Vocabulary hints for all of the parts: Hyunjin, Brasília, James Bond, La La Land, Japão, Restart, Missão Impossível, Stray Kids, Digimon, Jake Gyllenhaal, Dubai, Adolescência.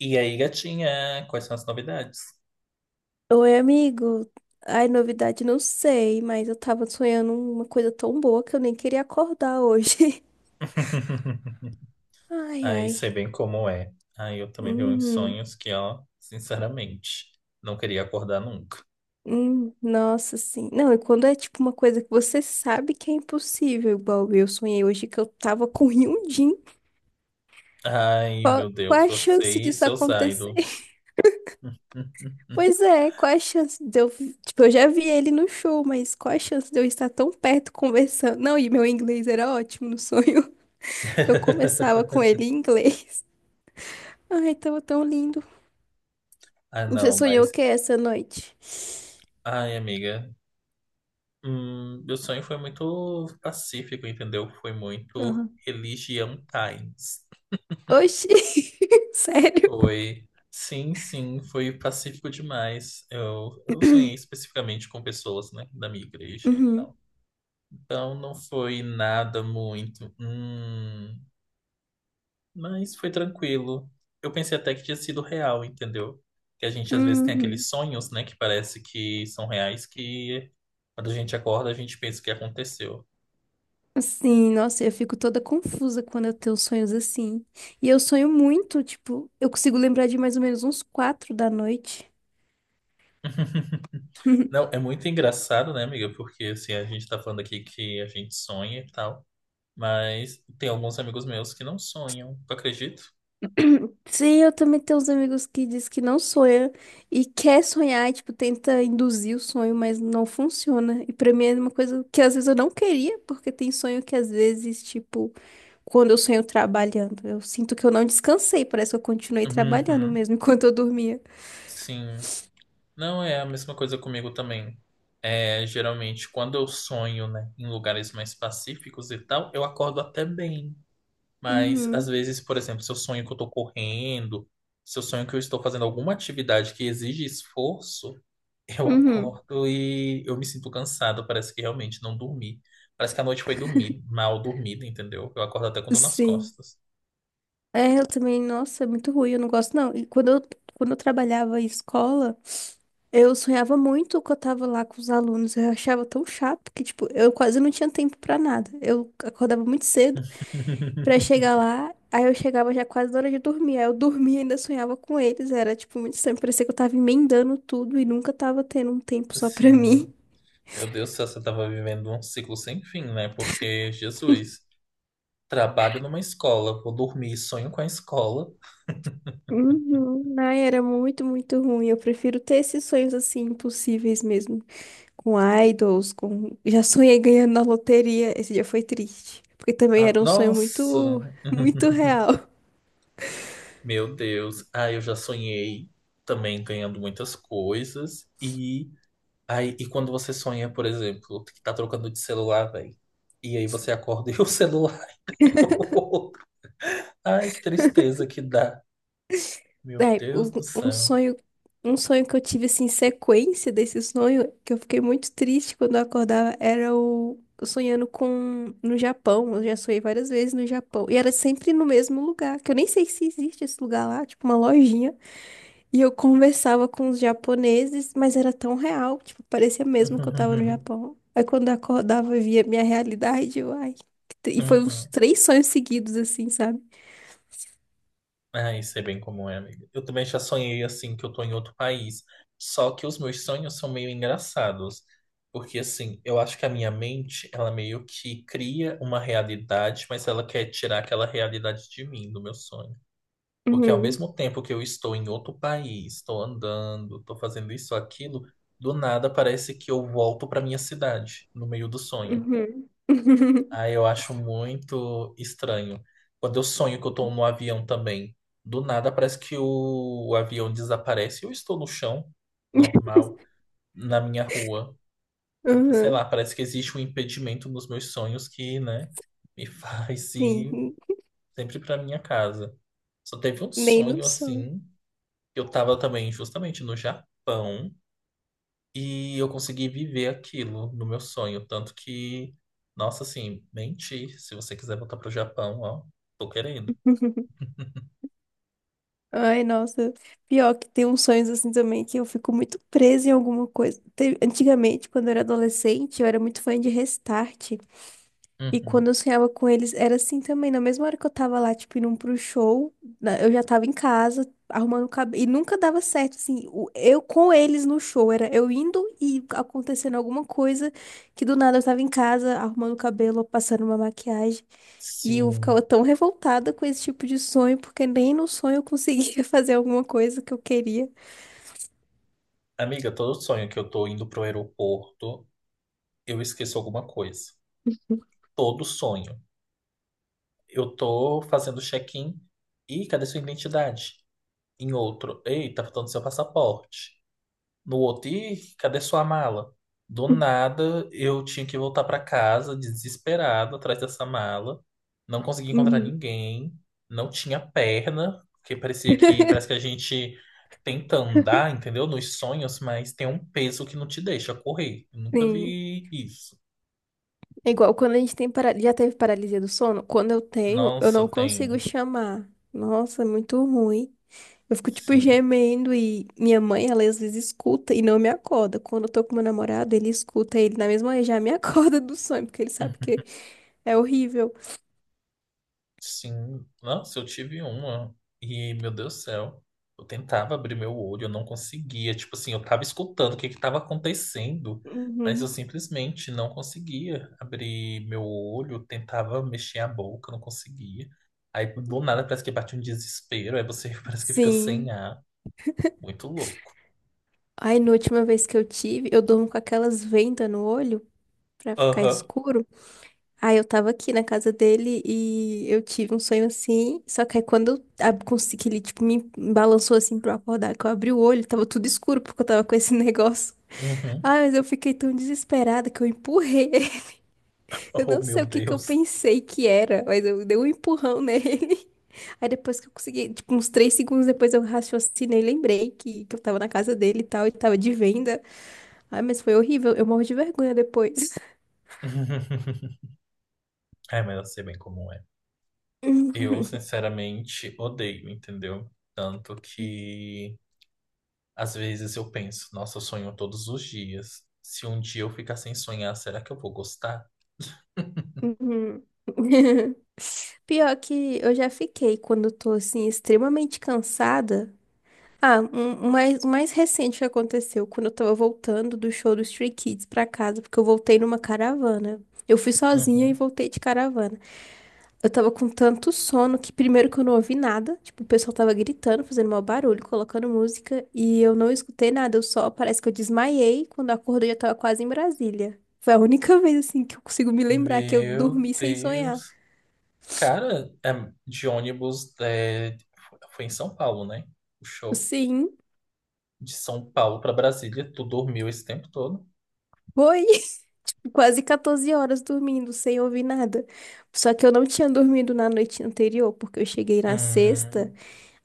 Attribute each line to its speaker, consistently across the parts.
Speaker 1: E aí, gatinha, quais são as novidades?
Speaker 2: Oi, amigo. Ai, novidade, não sei, mas eu tava sonhando uma coisa tão boa que eu nem queria acordar hoje. Ai,
Speaker 1: Aí
Speaker 2: ai.
Speaker 1: sei bem como é. Aí eu também tenho uns
Speaker 2: Uhum.
Speaker 1: sonhos que, ó, sinceramente, não queria acordar nunca.
Speaker 2: Nossa, sim. Não, e quando é tipo uma coisa que você sabe que é impossível, igual eu sonhei hoje que eu tava com Hyunjin.
Speaker 1: Ai,
Speaker 2: Qual,
Speaker 1: meu
Speaker 2: qual
Speaker 1: Deus,
Speaker 2: a
Speaker 1: você
Speaker 2: chance
Speaker 1: e
Speaker 2: disso
Speaker 1: seus
Speaker 2: acontecer?
Speaker 1: idols.
Speaker 2: Pois é, qual a chance de eu. Tipo, eu já vi ele no show, mas qual a chance de eu estar tão perto conversando? Não, e meu inglês era ótimo no sonho. Eu conversava com ele em inglês. Ai, tava tão lindo.
Speaker 1: Ah,
Speaker 2: Você
Speaker 1: não,
Speaker 2: sonhou o
Speaker 1: mas.
Speaker 2: que essa noite?
Speaker 1: Ai, amiga. Meu sonho foi muito pacífico, entendeu? Foi muito
Speaker 2: Uhum.
Speaker 1: religião times.
Speaker 2: Oxi, sério?
Speaker 1: Foi. Sim, sim, foi pacífico demais. Eu sonhei especificamente com pessoas, né, da minha igreja e
Speaker 2: Uhum.
Speaker 1: tal. Então não foi nada muito, mas foi tranquilo. Eu pensei até que tinha sido real, entendeu? Que a gente às vezes tem
Speaker 2: Uhum.
Speaker 1: aqueles sonhos, né, que parece que são reais, que quando a gente acorda a gente pensa que aconteceu.
Speaker 2: Sim, nossa, eu fico toda confusa quando eu tenho sonhos assim. E eu sonho muito, tipo, eu consigo lembrar de mais ou menos uns quatro da noite.
Speaker 1: Não, é muito engraçado, né, amiga? Porque assim, a gente tá falando aqui que a gente sonha e tal. Mas tem alguns amigos meus que não sonham, tu acredita?
Speaker 2: Sim, eu também tenho uns amigos que diz que não sonha e quer sonhar, e, tipo, tenta induzir o sonho, mas não funciona. E pra mim é uma coisa que às vezes eu não queria, porque tem sonho que às vezes, tipo, quando eu sonho trabalhando. Eu sinto que eu não descansei, parece que eu continuei trabalhando
Speaker 1: Uhum,
Speaker 2: mesmo enquanto eu dormia.
Speaker 1: sim. Não é a mesma coisa comigo também. É, geralmente, quando eu sonho, né, em lugares mais pacíficos e tal, eu acordo até bem. Mas, às
Speaker 2: Uhum,
Speaker 1: vezes, por exemplo, se eu sonho que eu tô correndo, se eu sonho que eu estou fazendo alguma atividade que exige esforço, eu
Speaker 2: uhum.
Speaker 1: acordo e eu me sinto cansado. Parece que realmente não dormi. Parece que a noite foi dormir, mal dormida, entendeu? Eu acordo até com dor nas
Speaker 2: Sim.
Speaker 1: costas.
Speaker 2: É, eu também, nossa, é muito ruim, eu não gosto não. E quando eu trabalhava em escola, eu sonhava muito que eu tava lá com os alunos. Eu achava tão chato que, tipo, eu quase não tinha tempo pra nada. Eu acordava muito cedo pra chegar lá, aí eu chegava já quase na hora de dormir. Aí eu dormia e ainda sonhava com eles. Era, tipo, muito estranho. Parecia que eu tava emendando tudo e nunca tava tendo um tempo só pra
Speaker 1: Assim,
Speaker 2: mim.
Speaker 1: meu Deus do céu, você estava vivendo um ciclo sem fim, né? Porque, Jesus, trabalho numa escola, vou dormir, sonho com a escola.
Speaker 2: Uhum. Ai, era muito, muito ruim. Eu prefiro ter esses sonhos assim impossíveis mesmo. Com idols, com. Já sonhei ganhando na loteria. Esse dia foi triste. Porque também
Speaker 1: Ah,
Speaker 2: era um sonho
Speaker 1: nossa,
Speaker 2: muito, muito real.
Speaker 1: meu Deus. Ah, eu já sonhei também ganhando muitas coisas. E aí, e quando você sonha, por exemplo, que tá trocando de celular, velho. E aí você acorda e o celular é o outro. Ai, que tristeza que dá. Meu
Speaker 2: É,
Speaker 1: Deus do
Speaker 2: um
Speaker 1: céu.
Speaker 2: sonho, um sonho que eu tive assim, sequência desse sonho, que eu fiquei muito triste quando eu acordava, era o eu sonhando com no Japão. Eu já sonhei várias vezes no Japão. E era sempre no mesmo lugar, que eu nem sei se existe esse lugar lá, tipo uma lojinha. E eu conversava com os japoneses, mas era tão real, tipo, parecia mesmo que eu tava no Japão. Aí quando eu acordava, eu via a minha realidade, eu, ai. Que e foi uns três sonhos seguidos, assim, sabe?
Speaker 1: Ah, isso é bem comum, é, amiga. Eu também já sonhei assim que eu tô em outro país. Só que os meus sonhos são meio engraçados. Porque assim, eu acho que a minha mente, ela meio que cria uma realidade, mas ela quer tirar aquela realidade de mim, do meu sonho. Porque ao
Speaker 2: Uhum,
Speaker 1: mesmo tempo que eu estou em outro país, estou andando, estou fazendo isso, aquilo, do nada parece que eu volto para minha cidade, no meio do sonho.
Speaker 2: uhum.
Speaker 1: Ah, eu acho muito estranho. Quando eu sonho que eu tô no avião também, do nada parece que o avião desaparece. E Eu estou no chão, normal, na minha rua. Sei lá,
Speaker 2: Uhum.
Speaker 1: parece que existe um impedimento nos meus sonhos que, né, me faz ir
Speaker 2: Sim,
Speaker 1: sempre pra minha casa. Só teve um
Speaker 2: nem no
Speaker 1: sonho
Speaker 2: sonho.
Speaker 1: assim, que eu tava também justamente no Japão. E eu consegui viver aquilo no meu sonho. Tanto que, nossa, assim, menti. Se você quiser voltar pro Japão, ó, tô querendo.
Speaker 2: Ai, nossa. Pior que tem uns sonhos assim também que eu fico muito presa em alguma coisa. Antigamente, quando eu era adolescente, eu era muito fã de Restart. E
Speaker 1: Uhum.
Speaker 2: quando eu sonhava com eles, era assim também. Na mesma hora que eu tava lá, tipo, indo pro show, eu já tava em casa, arrumando o cabelo. E nunca dava certo, assim, eu com eles no show. Era eu indo e acontecendo alguma coisa que do nada eu tava em casa, arrumando o cabelo, passando uma maquiagem. E eu
Speaker 1: Sim.
Speaker 2: ficava tão revoltada com esse tipo de sonho, porque nem no sonho eu conseguia fazer alguma coisa que eu queria.
Speaker 1: Amiga, todo sonho que eu tô indo pro aeroporto, eu esqueço alguma coisa. Todo sonho. Eu tô fazendo check-in. Ih, cadê sua identidade? Em outro. Ei, tá faltando seu passaporte. No outro, cadê sua mala? Do nada, eu tinha que voltar pra casa, desesperado, atrás dessa mala. Não consegui encontrar
Speaker 2: Uhum.
Speaker 1: ninguém, não tinha perna, porque parecia que parece que a gente tenta andar, entendeu? Nos sonhos, mas tem um peso que não te deixa correr. Eu nunca
Speaker 2: Sim.
Speaker 1: vi isso.
Speaker 2: É igual quando a gente tem já teve paralisia do sono. Quando eu tenho, eu
Speaker 1: Nossa,
Speaker 2: não consigo
Speaker 1: tenho,
Speaker 2: chamar. Nossa, é muito ruim. Eu fico tipo
Speaker 1: sim.
Speaker 2: gemendo e minha mãe, ela às vezes escuta e não me acorda. Quando eu tô com meu namorado, ele escuta, ele na mesma hora já me acorda do sonho, porque ele sabe que é horrível.
Speaker 1: Sim, nossa, eu tive uma e, meu Deus do céu, eu tentava abrir meu olho, eu não conseguia. Tipo assim, eu tava escutando o que que tava acontecendo, mas eu
Speaker 2: Uhum.
Speaker 1: simplesmente não conseguia abrir meu olho, tentava mexer a boca, não conseguia. Aí do nada parece que bate um desespero, aí você parece que fica sem
Speaker 2: Sim.
Speaker 1: ar, muito louco.
Speaker 2: Aí, na última vez que eu tive, eu durmo com aquelas vendas no olho pra ficar
Speaker 1: Aham,
Speaker 2: escuro. Aí eu tava aqui na casa dele e eu tive um sonho assim. Só que aí quando eu consegui, que ele tipo, me balançou assim pra eu acordar, que eu abri o olho, tava tudo escuro porque eu tava com esse negócio. Ah,
Speaker 1: uhum,
Speaker 2: mas eu fiquei tão desesperada que eu empurrei. Eu
Speaker 1: oh,
Speaker 2: não
Speaker 1: meu
Speaker 2: sei o que que eu
Speaker 1: Deus.
Speaker 2: pensei que era, mas eu dei um empurrão nele. Aí depois que eu consegui, tipo, uns três segundos depois eu raciocinei, lembrei que eu tava na casa dele e tal, e tava de venda. Ai, mas foi horrível, eu morro de vergonha depois.
Speaker 1: É, mas eu sei bem como é. Eu, sinceramente, odeio, entendeu? Tanto que. Às vezes eu penso, nossa, eu sonho todos os dias. Se um dia eu ficar sem sonhar, será que eu vou gostar?
Speaker 2: Uhum. Pior que eu já fiquei quando eu tô assim extremamente cansada. O mais recente que aconteceu quando eu tava voltando do show dos Stray Kids pra casa, porque eu voltei numa caravana. Eu fui sozinha e
Speaker 1: Uhum.
Speaker 2: voltei de caravana. Eu tava com tanto sono que primeiro que eu não ouvi nada, tipo, o pessoal tava gritando, fazendo mau barulho, colocando música, e eu não escutei nada, eu só parece que eu desmaiei, quando eu acordei eu já tava quase em Brasília. Foi a única vez assim que eu consigo me lembrar que eu
Speaker 1: Meu
Speaker 2: dormi sem sonhar.
Speaker 1: Deus. Cara, é, de ônibus é, foi em São Paulo, né? O show.
Speaker 2: Sim,
Speaker 1: De São Paulo pra Brasília, tu dormiu esse tempo todo?
Speaker 2: foi. Quase 14 horas dormindo, sem ouvir nada. Só que eu não tinha dormido na noite anterior, porque eu cheguei na
Speaker 1: Hum,
Speaker 2: sexta,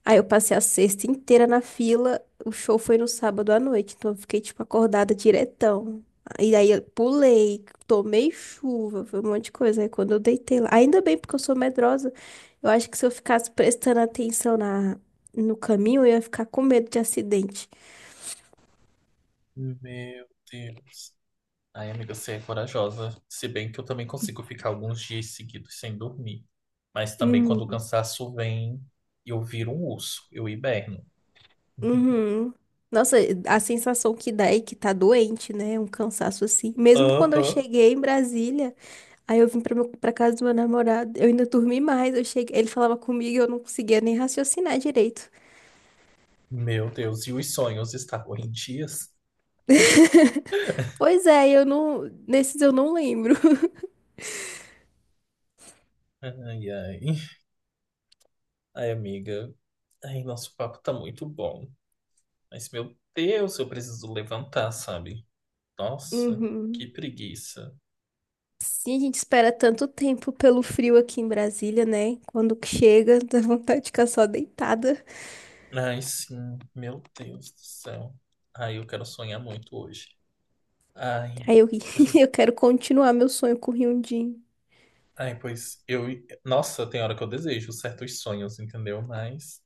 Speaker 2: aí eu passei a sexta inteira na fila. O show foi no sábado à noite, então eu fiquei, tipo, acordada diretão. E aí eu pulei, tomei chuva, foi um monte de coisa. Aí quando eu deitei lá, ainda bem, porque eu sou medrosa, eu acho que se eu ficasse prestando atenção no caminho, eu ia ficar com medo de acidente.
Speaker 1: meu Deus. Ai, amiga, você é corajosa. Se bem que eu também consigo ficar alguns dias seguidos sem dormir. Mas também quando o
Speaker 2: Hum.
Speaker 1: cansaço vem, eu viro um urso, eu hiberno.
Speaker 2: Uhum. Nossa, a sensação que dá é que tá doente, né? Um cansaço assim. Mesmo quando eu
Speaker 1: Aham.
Speaker 2: cheguei em Brasília, aí eu vim pra casa do meu namorado, eu ainda dormi mais. Eu cheguei, ele falava comigo e eu não conseguia nem raciocinar direito.
Speaker 1: Meu Deus, e os sonhos estavam em dias?
Speaker 2: Pois é, eu não. Nesses eu não lembro.
Speaker 1: Ai, ai. Ai, amiga. Ai, nosso papo tá muito bom. Mas, meu Deus, eu preciso levantar, sabe? Nossa, que
Speaker 2: Uhum.
Speaker 1: preguiça.
Speaker 2: Sim, a gente espera tanto tempo pelo frio aqui em Brasília, né? Quando que chega, dá vontade de ficar só deitada.
Speaker 1: Ai, sim, meu Deus do céu. Ai, eu quero sonhar muito hoje. Ai.
Speaker 2: Aí eu, eu quero continuar meu sonho com o Hyundai.
Speaker 1: Ai, pois eu. Nossa, tem hora que eu desejo certos sonhos, entendeu? Mas,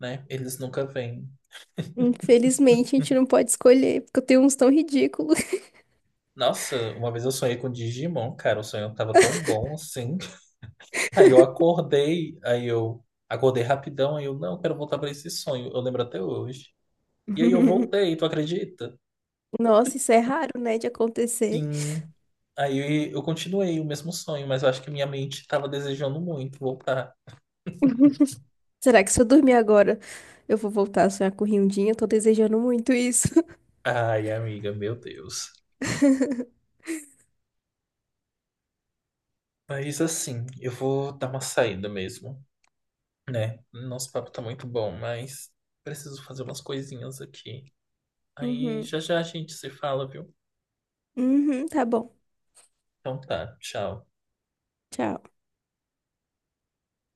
Speaker 1: né, eles nunca vêm.
Speaker 2: Infelizmente, a gente não pode escolher, porque eu tenho uns tão ridículos.
Speaker 1: Nossa, uma vez eu sonhei com Digimon, cara. O sonho tava tão bom assim. Aí eu acordei rapidão, aí eu, não, eu quero voltar pra esse sonho. Eu lembro até hoje. E aí eu voltei, tu acredita?
Speaker 2: Nossa, isso é raro, né, de acontecer.
Speaker 1: Sim. Aí eu continuei o mesmo sonho, mas eu acho que minha mente estava desejando muito voltar.
Speaker 2: Será que se eu dormir agora, eu vou voltar a sonhar com o Rindinho? Eu tô desejando muito isso.
Speaker 1: Ai, amiga, meu Deus. Mas assim, eu vou dar uma saída mesmo, né? Nosso papo tá muito bom, mas preciso fazer umas coisinhas aqui. Aí
Speaker 2: Uhum.
Speaker 1: já já a gente se fala, viu?
Speaker 2: Uhum, tá bom.
Speaker 1: Então tá, tchau.
Speaker 2: Tchau.